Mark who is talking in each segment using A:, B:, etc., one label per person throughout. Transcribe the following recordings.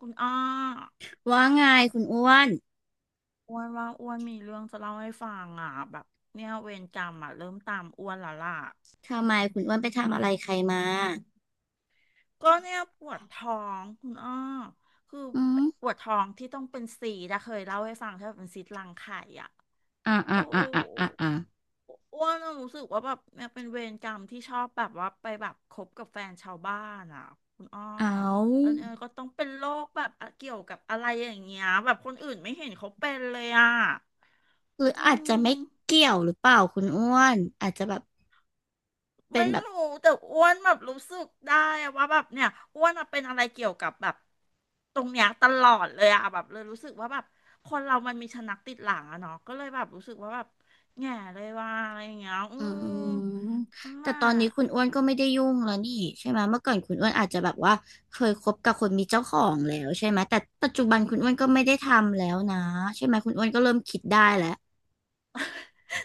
A: คุณอ้อ
B: ว่าไงคุณอ้วน
A: อ้วนว่าอ้วนมีเรื่องจะเล่าให้ฟังอ่ะแบบเนี่ยเวรกรรมอ่ะเริ่มตามอ้วนแล้วล่ะ
B: ทำไมคุณอ้วนไปทำอะไรใครมา
A: ก็เนี่ยปวดท้องคุณอ้อคือ
B: อืม
A: ปวดท้องที่ต้องเป็นสีนะเคยเล่าให้ฟังใช่ไหมเป็นซีสต์รังไข่อ่ะ
B: อ่าอ่า
A: โอ้
B: อ่าอ่าอ่าอ่า
A: อ้วนอะรู้สึกว่าแบบเนี่ยเป็นเวรกรรมที่ชอบแบบว่าไปแบบคบกับแฟนชาวบ้านอ่ะคุณอ้อ
B: เอ
A: แล้ว
B: า
A: เนี่ยก็ต้องเป็นโรคแบบอะเกี่ยวกับอะไรอย่างเงี้ยแบบคนอื่นไม่เห็นเขาเป็นเลยอ่ะ
B: หรือ
A: อื
B: อาจจะไม่
A: ม
B: เกี่ยวหรือเปล่าคุณอ้วนอาจจะแบบเป็
A: ไม่
B: นแบบ
A: รู้แต่อ้วนแบบรู้สึกได้อะว่าแบบเนี่ยอ้วนอะเป็นอะไรเกี่ยวกับแบบตรงเนี้ยตลอดเลยอะแบบเลยรู้สึกว่าแบบคนเรามันมีชะนักติดหลังอะเนาะก็เลยแบบรู้สึกว่าแบบแง่เลยว่าอะไรอย่างเงี้ยอื
B: อื
A: ม
B: มแต่
A: น่า
B: ตอนนี้คุณอ้วนก็ไม่ได้ยุ่งแล้วนี่ใช่ไหมเมื่อก่อนคุณอ้วนอาจจะแบบว่าเคยคบกับคนมีเจ้าของแล้วใช่ไหมแต่ปัจจุบันคุณอ้วนก็ไม่ได้ทำแล้วนะใช่ไหมคุณอ้วนก็เริ่มคิดได้แล้ว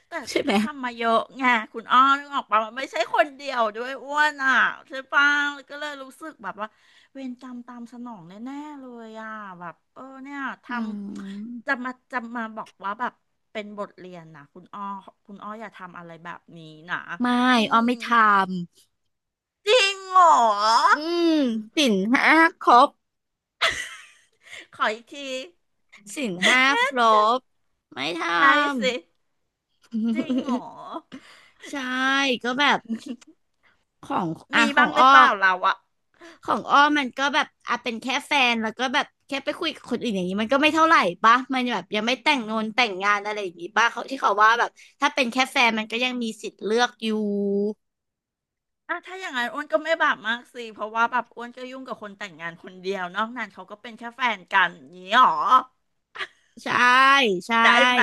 A: แต่
B: ใช่ไห
A: ก็
B: ม
A: ทำมาเยอะไงคุณอ้อนึกออกปะมันไม่ใช่คนเดียวด้วยอ้วนอ่ะใช่ปะก็เลยรู้สึกแบบว่าเวรกรรมตามสนองแน่ๆเลยอ่ะแบบเออเนี่ยท
B: อืม
A: ำจะมาจะมาบอกว่าแบบเป็นบทเรียนนะคุณอ้อคุณอ้ออย่าทำอะไรแบบนี้นะ
B: ไม่
A: อื
B: อ้อ
A: ม
B: ไม่ท
A: จริงเหรอ
B: ำอืมสินห้าครบ
A: ขออีกที
B: ศีลห้าครบไม่ท
A: ไล่
B: ำ
A: สิจริงเหรอ
B: ใช่ก็แบบของอ่ะ
A: มี
B: ขอ
A: บ้า
B: ง
A: งหรื
B: อ้อ
A: อเปล่าเราอะ
B: มันก็แบบอ่ะเป็นแค่แฟนแล้วก็แบบแค่ไปคุยกับคนอื่นอย่างนี้มันก็ไม่เท่าไหร่ปะมันแบบยังไม่แต่งงานแต่งงานอะไรอย่างงี้ปะเขาที่เขาว่าแบบถ้าเป็นแค่แฟนมันก็ยังมีสิทธิ์เลือกอยู่
A: อ่ะถ้าอย่างนั้นอ้วนก็ไม่บาปมากสิเพราะว่าแบบอ้วนก็ยุ่งกับคนแต่งงานคนเดียวนอกนั้นเขาก็เป็นแค่แฟนกันอย่างนี้หรอ
B: ใช่ใช่
A: ได้ไหม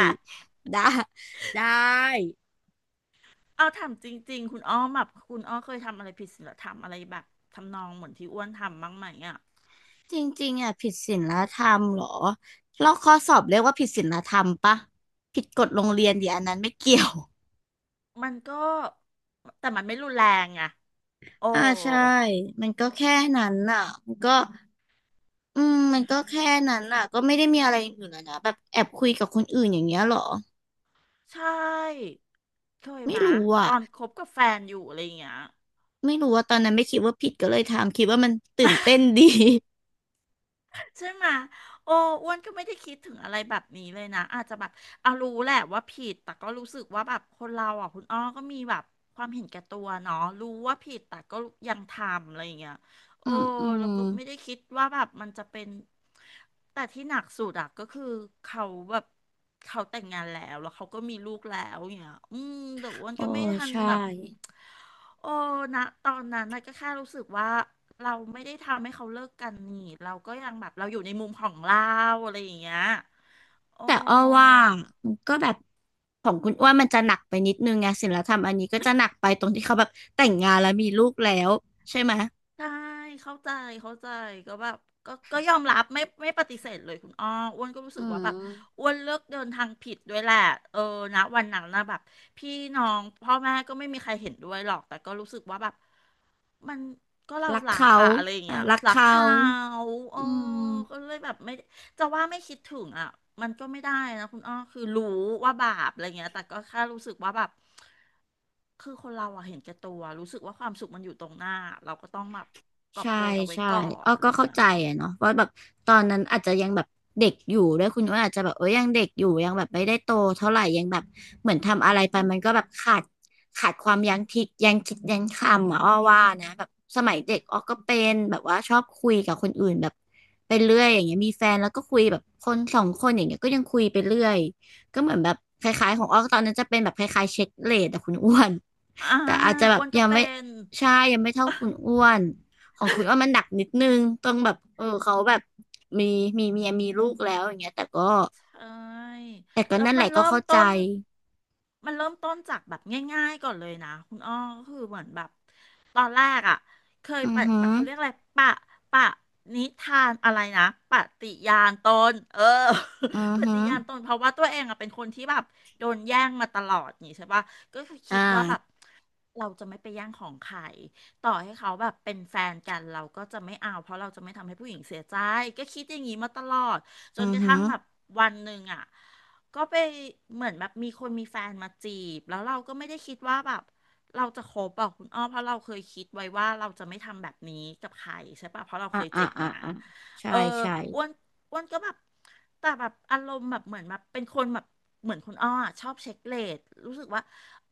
B: ได้ได้
A: เอาถามจริงๆคุณอ้อมแบบคุณอ้อเคยทำอะไรผิดศีลธรรมอะไรแบบทำนองเหมือนที่อ้วนทำบ้างไหมอ่ะ
B: จริงๆอ่ะผิดศีลธรรมเหรอแลอกข้อสอบเรียกว่าผิดศีลธรรมปะผิดกฎโรงเรียนดิอันนั้นไม่เกี่ยว
A: มันก็แต่มันไม่รุนแรงไงโอ้
B: อ่าใช่มันก็แค่นั้นน่ะมันก็อืมมันก็แค่นั้นน่ะก็ไม่ได้มีอะไรอย่างอื่นแล้วนะแบบแอบคุยกับคนอื่นอย่างเงี้ยเหรอ
A: ใช่เคย
B: ไม่
A: มา
B: รู้อ่ะ
A: ตอนคบกับแฟนอยู่อะไรอย่างเงี้ย
B: ไม่รู้ว่าตอนนั้นไม่คิดว่าผิดก็เลยทำคิดว่ามันตื่นเต้นดี
A: ใช่ไหมโอ้อ้วนก็ไม่ได้คิดถึงอะไรแบบนี้เลยนะอาจจะแบบเอารู้แหละว่าผิดแต่ก็รู้สึกว่าแบบคนเราอ่ะคุณอ้อก็มีแบบความเห็นแก่ตัวเนาะรู้ว่าผิดแต่ก็ยังทำอะไรอย่างเงี้ยโอ้
B: อืมอืม
A: เราก็ไม่ได้คิดว่าแบบมันจะเป็นแต่ที่หนักสุดอะก็คือเขาแบบเขาแต่งงานแล้วแล้วเขาก็มีลูกแล้วอย่างเงี้ยอืมแต่อ้วน
B: โอ้
A: ก็ไม่ทัน
B: ใช่
A: แบบ โอ้นะตอนนั้นนะก็แค่รู้สึกว่าเราไม่ได้ทำให้เขาเลิกกันนี่เราก็ยังแบบเราอยู่ในมุมของเราอะไรอย่างเงี้ยโอ้
B: แต่อ้อว่ามันก็แบบ ของคุณอ้วนมันจะหนักไปนิดนึงไงศิลธรรมอันนี้ก็จะหนักไปตรงที่เขาแบบแต่งงานแล้วมีลูกแล้วใช่ไหมย
A: ใช่เข้าใจเข้าใจก็แบบก็ยอมรับไม่ปฏิเสธเลยคุณอ้ออ้วนก็รู้สึ
B: อื
A: กว่าแบ
B: ม
A: บอ้วนเลือกเดินทางผิดด้วยแหละเออนะวันนั้นนะแบบพี่น้องพ่อแม่ก็ไม่มีใครเห็นด้วยหรอกแต่ก็รู้สึกว่าแบบมันก็เรา
B: รัก
A: รัก
B: เขา
A: อะอะไรอย่าง
B: อ่ะ
A: เงี้ย
B: รัก
A: รัก
B: เขา
A: เขาเออ
B: อื
A: ก็
B: ม
A: เลยแบบไม่ จะว่าไม่คิดถึงอ่ะมันก็ไม่ได้นะคุณอ้อคือรู้ว่าบาปอะไรเงี้ยแต่ก็แค่รู้สึกว่าแบบคือคนเราอะเห็นแก่ตัวรู้สึกว่าความสุขมันอยู่ตรงหน้าเราก็ต้องแบบกอบ
B: ใช่
A: โกยเอาไว้
B: ใช่
A: ก่อน
B: อ้อ
A: อะไร
B: ก็เข้า
A: เงี้ย
B: ใจอะเนาะว่าแบบตอนนั้นอาจจะยังแบบเด็กอยู่ด้วยคุณว่าอาจจะแบบเอ้ยยังเด็กอยู่ยังแบบไม่ได้โตเท่าไหร่ยังแบบเหมือนทำอะไรไปมันก็แบบขาดความยั้งคิดยังคิดยั้งคำอะอ้อว่านะแบบสมัยเด็กอ้อก็เป็นแบบว่าชอบคุยกับคนอื่นแบบไปเรื่อยอย่างเงี้ยมีแฟนแล้วก็คุยแบบคนสองคนอย่างเงี้ยก็ยังคุยไปเรื่อยก็เหมือนแบบคล้ายๆของอ้อตอนนั้นจะเป็นแบบคล้ายๆเช็คเรทอะคุณอ้วน
A: อ่า
B: แต่อาจจะแบ
A: อ้
B: บ
A: วนก็
B: ยัง
A: เป็
B: ไม่
A: น
B: ใช่ยังไม่เท่าคุณอ้วน ของคุณว่ามันหนักนิดนึงต้องแบบเออเขาแบบมีเมียมีลูกแล้วอย่างเงี้ยแต่ก็
A: เอ้ย
B: แต่ก็
A: แล้ว
B: นั่นแห
A: มัน
B: ละก็
A: เริ่ม
B: เข้าใจ
A: ต้นมันเริ่มต้นจากแบบง่ายๆก่อนเลยนะคุณอ้อก็คือเหมือนแบบตอนแรกอ่ะเคย
B: อือ
A: ปะ
B: หือ
A: เขาเรียกอะไรปะปะนิทานอะไรนะปฏิญาณตนเออ
B: อือ
A: ป
B: หื
A: ฏิ
B: อ
A: ญาณตนเพราะว่าตัวเองอ่ะเป็นคนที่แบบโดนแย่งมาตลอดนี่ใช่ปะก็คือคิ
B: อ่า
A: ดว่าแบบเราจะไม่ไปแย่งของใคร ต่อให้เขาแบบเป็นแฟนกันเราก็จะไม่เอาเพราะเราจะไม่ทำให้ผู้หญิงเสียใจก็คิดอย่างนี้มาตลอดจ
B: อื
A: น
B: อ
A: กระ
B: หื
A: ทั่
B: อ
A: งแบบวันหนึ่งอ่ะก็ไปเหมือนแบบมีคนมีแฟนมาจีบแล้วเราก็ไม่ได้คิดว่าแบบเราจะคบอ่ะคุณอ้อเพราะเราเคยคิดไว้ว่าเราจะไม่ทำแบบนี้กับใครใช่ปะเพราะเรา
B: อ่า
A: เคย
B: อ่า
A: เจ็บ
B: อ่า
A: มา
B: อ่าใช่
A: เออ
B: ใช่
A: อ้วนอ้วนก็แบบแต่แบบอารมณ์แบบเหมือนแบบเป็นคนแบบเหมือนคุณอ้ออะชอบเช็คเรทรู้สึกว่า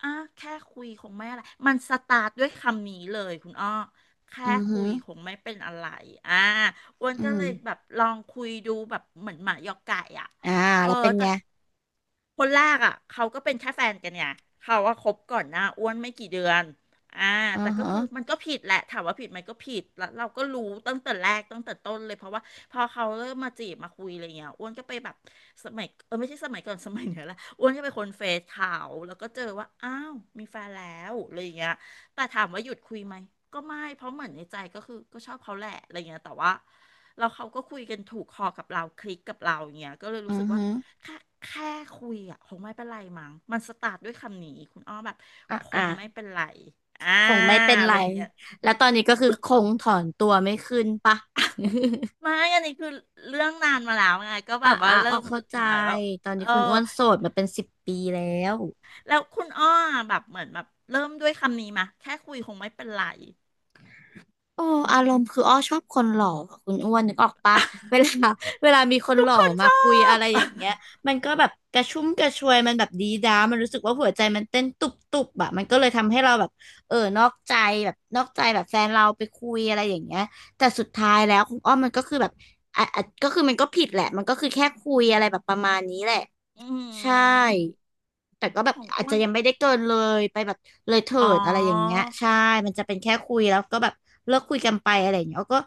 A: อ่ะแค่คุยคงไม่อะไรมันสตาร์ทด้วยคำนี้เลยคุณอ้อแค่
B: อือ
A: คุ
B: หือ
A: ยคงไม่เป็นอะไรอ่าอ้วน
B: อื
A: ก็เล
B: ม
A: ยแบบลองคุยดูแบบเหมือนหมายอกไก่อ่ะ
B: อ่า
A: เออ
B: แล้วเป็น
A: แต่
B: ไง
A: คนแรกอ่ะเขาก็เป็นแค่แฟนกันไงเขาว่าคบก่อนหน้าอ้วนไม่กี่เดือนอ่า
B: อื
A: แต่
B: อ
A: ก็
B: หือ
A: คือมันก็ผิดแหละถามว่าผิดไหมก็ผิดแล้วเราก็รู้ตั้งแต่แรกตั้งแต่ต้นเลยเพราะว่าพอเขาเริ่มมาจีบมาคุยอะไรเงี้ยอ้วนก็ไปแบบสมัยไม่ใช่สมัยก่อนสมัยเนี้ยแหละอ้วนก็ไปคนเฟซเขาแล้วก็เจอว่าอ้าวมีแฟนแล้วอะไรเงี้ยแต่ถามว่าหยุดคุยไหมก็ไม่เพราะเหมือนในใจก็คือก็ชอบเขาแหละอะไรเงี้ยแต่ว่าเราเขาก็คุยกันถูกคอกับเราคลิกกับเราอย่างเงี้ยก็เลยรู้
B: อื
A: สึ
B: อ
A: กว่า
B: หือ
A: แค่แค่คุยอ่ะคงไม่เป็นไรมั้งมันสตาร์ทด้วยคำนี้คุณอ้อแบบ
B: อ่า
A: ค
B: อ่า
A: งไม่เป็นไรอ่า
B: คงไม่เป็น
A: อะ
B: ไร
A: ไรอย่างเงี้ย
B: แล้วตอนนี้ก็คือ
A: คุณ
B: คงถอนตัวไม่ขึ้นปะ
A: ไม่ อันนี้คือเรื่องนานมาแล้วไงก็แบ
B: อ่า
A: บว่า
B: อ่า
A: เริ่
B: ออ
A: ม
B: กเข้าใจ
A: หมายว่า
B: ตอน
A: เอ
B: นี้
A: อ
B: คุณอ้วนโสดมาเป็นสิบปีแล้ว
A: แล้วคุณอ้อแบบเหมือนแบบเริ่มด้วยคำนี้มาแค่คุยคงไม่เป็นไร
B: โอ้อารมณ์คืออ้อชอบคนหล่ออะคุณอ้วนนึกออกปะเวลา เวลามีคน
A: ทุ
B: ห
A: ก
B: ล่อ
A: คน
B: มา
A: ชอ
B: คุยอะ
A: บ
B: ไรอย่างเงี้ยมันก็แบบกระชุ่มกระชวยมันแบบดีด้ามันรู้สึกว่าหัวใจมันเต้นตุบตุบอะมันก็เลยทำให้เราแบบเออนอกใจแบบนอกใจแบบแฟนเราไปคุยอะไรอย่างเงี้ยแต่สุดท้ายแล้วคุณอ้อมันก็คือแบบอ่ะอ่ะก็คือมันก็ผิดแหละมันก็คือแค่คุยอะไรแบบประมาณนี้แหละ
A: อื
B: ใช่
A: ม
B: แต่ก็แบบ
A: ของ
B: อาจ
A: อ้ว
B: จะ
A: น
B: ยังไม่ได้เกินเลยไปแบบเลยเถิ
A: อ๋อ
B: ดอะไรอย่างเงี้ยใช่มันจะเป็นแค่คุยแล้วก็แบบเลิกคุยกันไปอะไรอย่างเงี้ยอ้อก็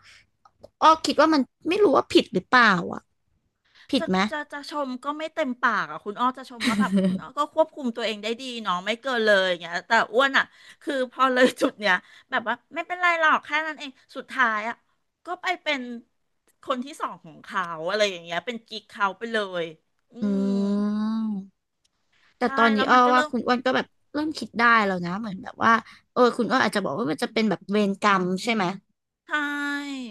B: อ้อคิดว่ามันไม่รู้ว่าผิดหรือเปล่าอ่ะผิด
A: จะ
B: ไหม
A: จะชมก็ไม่เต็มปากอ่ะคุณอ้อจะชมว่าแบบคุณอ้อ ก็ควบคุมตัวเองได้ดีเนาะไม่เกินเลยอย่างเงี้ยแต่อ้วนอ่ะคือพอเลยจุดเนี้ยแบบว่าไม่เป็นไรหรอกแค่นั้นเองสุดท้ายอ่ะก็ไปเป็นคนที่สองของเขาอะไรอย่างเงี้ยเป็นกิ๊กเขาไปเลยอื
B: อื
A: ม
B: มแต่
A: ใช่
B: ตอน
A: แล้
B: นี้
A: ว
B: อ้
A: มั
B: อ
A: นก็
B: ว่า
A: เริ่ม
B: คุณอ้วนก็แบบเริ่มคิดได้แล้วนะเหมือนแบบว่าเออคุณอ้วนอาจจะบอกว่ามันจะเป็นแบบเวรกรรมใช่ไหม
A: ใช่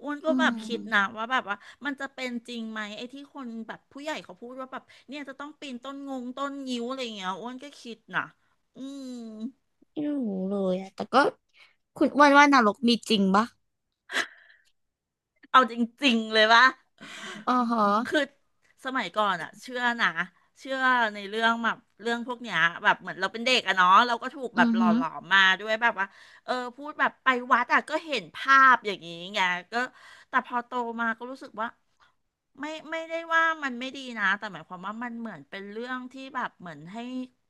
A: อ้วน
B: อื
A: ก็แบบคิดนะ
B: ม
A: ว่าแบบว่ามันจะเป็นจริงไหมไอ้ที่คนแบบผู้ใหญ่เขาพูดว่าแบบเนี่ยจะต้องปีนต้นงงต้นงิ้วอะไรอย่างเงี้ยอ้วนก็คิดนะอืม
B: ไม่รู้เลยอะแต่ก็คุณอ้วนว่านรกมีจริงปะ
A: เอาจริงๆเลยว่า
B: อ๋อฮะ
A: คือสมัยก่อนอะเชื่อนะเชื่อในเรื่องแบบเรื่องพวกเนี้ยแบบเหมือนเราเป็นเด็กอะเนาะเราก็ถูก
B: อื
A: แบบ
B: อ
A: หล่อ
B: ฮึ
A: หลอมมาด้วยแบบว่าพูดแบบไปวัดอะก็เห็นภาพอย่างนี้ไงก็แต่พอโตมาก็รู้สึกว่าไม่ได้ว่ามันไม่ดีนะแต่หมายความว่ามันเหมือนเป็นเรื่องที่แบบเหมือนให้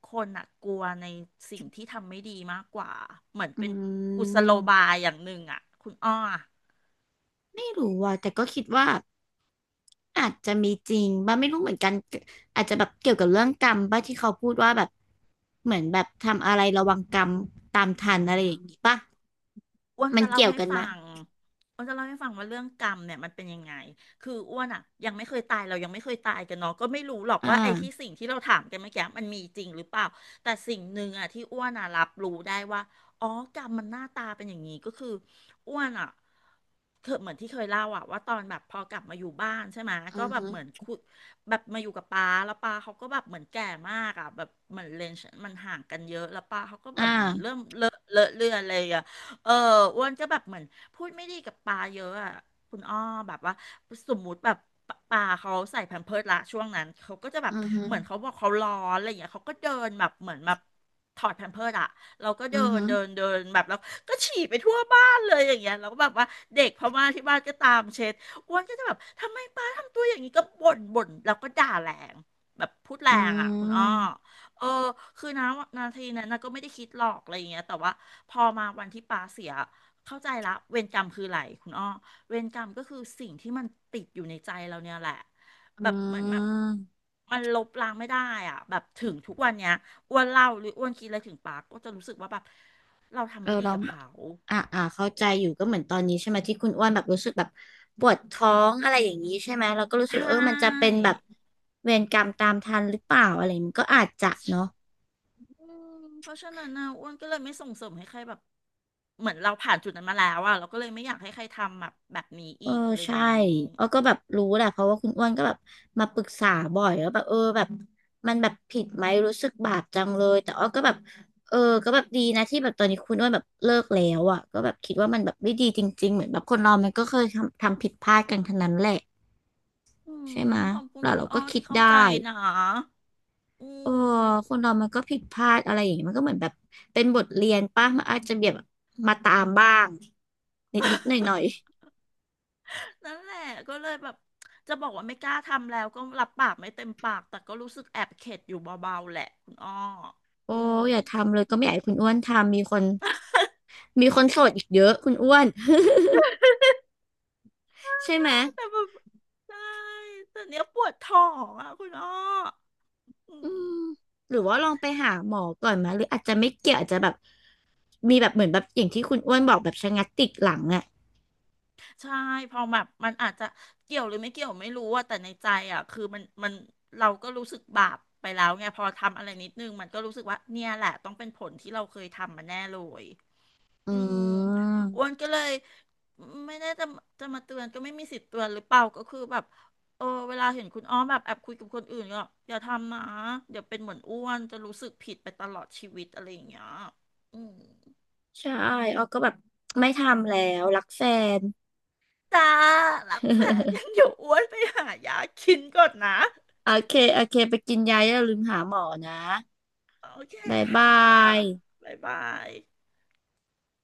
A: คนอะกลัวในสิ่งที่ทำไม่ดีมากกว่าเหมือน
B: อื
A: เป็นกุศโลบา
B: ม
A: ยอย่างหนึ่งอะคุณอ้อ
B: ไม่รู้ว่ะแต่ก็คิดว่าอาจจะมีจริงบ้าไม่รู้เหมือนกันอาจจะแบบเกี่ยวกับเรื่องกรรมบ้าที่เขาพูดว่าแบบเหมือนแบบทำอะไรระวังกรรมตามทันอะไรอย่างนี้ป่ะ
A: อ้วน
B: มัน
A: จะเล่า
B: เกี่ยว
A: ให้
B: กัน
A: ฟั
B: มะ
A: งอ้วนจะเล่าให้ฟังว่าเรื่องกรรมเนี่ยมันเป็นยังไงคืออ้วนอ่ะยังไม่เคยตายเรายังไม่เคยตายกันเนาะก็ไม่รู้หรอก
B: อ่
A: ว่าไอ้ที่
B: า
A: สิ่งที่เราถามกันเมื่อกี้มันมีจริงหรือเปล่า แต่สิ่งหนึ่งอ่ะที่อ้วนอ่ะรับรู้ได้ว่าอ๋อกรรมมันหน้าตาเป็นอย่างนี้ก็คืออ้วนอ่ะเคยเหมือนที่เคยเล่าอ่ะว่าตอนแบบพอกลับมาอยู่บ้านใช่ไหม
B: อื
A: ก็
B: อ
A: แบบ
B: ฮึ
A: เหมือนคุยแบบมาอยู่กับป้าแล้วป้าเขาก็แบบเหมือนแก่มากอ่ะแบบเหมือนเลนส์มันห่างกันเยอะแล้วป้าเขาก็แบบเหมือน
B: อ่า
A: เริ่มเลอะเลือนเลยอ่ะ เอออ้วนก็แบบเหมือนพูดไม่ดีกับปลาเยอะอะคุณอ้อแบบว่าสมมุติแบบปลาเขาใส่แพมเพิร์สละช่วงนั้นเขาก็จะแบ
B: อื
A: บ
B: อฮึ
A: เหมือนเขาบอกเขาร้อนอะไรอย่างเงี้ยเขาก็เดินแบบเหมือนแบบถอดแพมเพิร์สอะเราก็เดิ
B: อือ
A: น
B: ฮึ
A: เดินเดินแบบแล้วก็ฉี่ไปทั่วบ้านเลยอย่างเงี้ยเราก็แบบว่าเด็กพม่าที่บ้านก็ตามเช็ดอ้วนก็จะแบบทำไมปลาทำตัวอย่างนี้ก็บ่นแล้วก็ด่าแรงแบบพูดแร
B: อื
A: งอะคุณอ้อ
B: ม
A: เออคือนะนาทีนั้นนะก็ไม่ได้คิดหรอกอะไรอย่างเงี้ยแต่ว่าพอมาวันที่ปาเสียเข้าใจละเวรกรรมคืออะไรคุณอ้อเวรกรรมก็คือสิ่งที่มันติดอยู่ในใจเราเนี่ยแหละ
B: อื
A: แบบเหมือนแบบ
B: ม
A: มันลบล้างไม่ได้อ่ะแบบถึงทุกวันเนี้ยอ้วนเล่าหรืออ้วนคิดอะไรถึงปาก็จะรู้สึกว่าแบบเรา
B: เอ
A: ทำ
B: อ
A: ไม่ดี
B: เรา
A: กับ
B: แบบ
A: เขา
B: อ่าอ่าเข้าใจอยู่ก็เหมือนตอนนี้ใช่ไหมที่คุณอ้วนแบบรู้สึกแบบปวดท้องอะไรอย่างนี้ใช่ไหมเราก็รู้
A: ใช
B: สึกว่าเออมันจะเป็
A: ่
B: นแบบเวรกรรมตามทันหรือเปล่าอะไรอย่างนี้มันก็อาจจะเนาะ
A: อืมเพราะฉะนั้นนะอ้วนก็เลยไม่ส่งเสริมให้ใครแบบเหมือนเราผ่านจุดนั้นมาแล้วอะเราก็เลยไม่อยากให้ใครทำแบบนี้
B: เอ
A: อี
B: อ
A: กอะไรอ
B: ใช่
A: ย่างงี้
B: เออก็แบบรู้แหละเพราะว่าคุณอ้วนก็แบบมาปรึกษาบ่อยแล้วาแบบเออแบบมันแบบผิดไหมรู้สึกบาปจังเลยแต่อ้อก็แบบเออก็แบบดีนะที่แบบตอนนี้คุณอ้วนแบบเลิกแล้วอ่ะก็แบบคิดว่ามันแบบไม่ดีจริงๆเหมือนแบบคนเรามันก็เคยทำผิดพลาดกันทั้งนั้นแหละ
A: อื
B: ใช่
A: ม
B: ไหมะ
A: ขอบคุณ
B: แล้ว
A: คุณ
B: เรา
A: อ้
B: ก็
A: อ
B: คิ
A: ที่
B: ด
A: เข้า
B: ได้
A: ใจนะอื
B: เออคน
A: ม
B: เรามันก็ผิดพลาดอะไรอย่างเงี้ยมันก็เหมือนแบบเป็นบทเรียนป่ะมันอาจจะแบบมาตามบ้างนิดนิดหน่อยห น่อย
A: นั่นแหละก็เลยแบบจะบอกว่าไม่กล้าทำแล้วก็รับปากไม่เต็มปากแต่ก็รู้สึกแอบเข็ดอยู่เบาๆแหละคุณอ้อ
B: ๆโอ้
A: อืม
B: อย่าทำเลยก็ไม่อยากให้คุณอ้วนทำมีคนโสดอีกเยอะคุณอ้วน ใช่ไหม
A: แต่แบบใช่แต่เนี้ยปวดท้องอ่ะคุณอ้ออื
B: อื
A: ม
B: มหรือว่าลองไปหาหมอก่อนไหมหรืออาจจะไม่เกี่ยวอาจจะแบบมีแบบเหมือนแบบอย่างที่คุณอ้วนบอกแบบชะงักติดหลังอ่ะ
A: ใช่พอแบบมันอาจจะเกี่ยวหรือไม่เกี่ยวไม่รู้ว่าแต่ในใจอ่ะคือมันเราก็รู้สึกบาปไปแล้วไงพอทำอะไรนิดนึงมันก็รู้สึกว่าเนี่ยแหละต้องเป็นผลที่เราเคยทำมาแน่เลย
B: อื
A: อืมอ้ว
B: ม
A: นก็เลยไม่ได้จะมาเตือนก็ไม่มีสิทธิ์เตือนหรือเปล่าก็คือแบบเออเวลาเห็นคุณอ้อมแบบแอบคุยกับคนอื่นก็อย่าทำนะเดี๋ยวเป็นเหมือนอ้วนจะรู้สึกผิดไปตลอดชีวิตอะไรอย่างเงี้ยอืม
B: ใช่อ้อก็แบบไม่ทำแล้วรักแฟน
A: จ้ารักแฟนยัง อยู่อ้วนไปหายากินก่อนนะ
B: โอเค โอเค ไปกินยาอย่าลืมหาหมอนะ
A: โอเค
B: บ๊าย
A: ค่ะ
B: บาย
A: บ๊ายบาย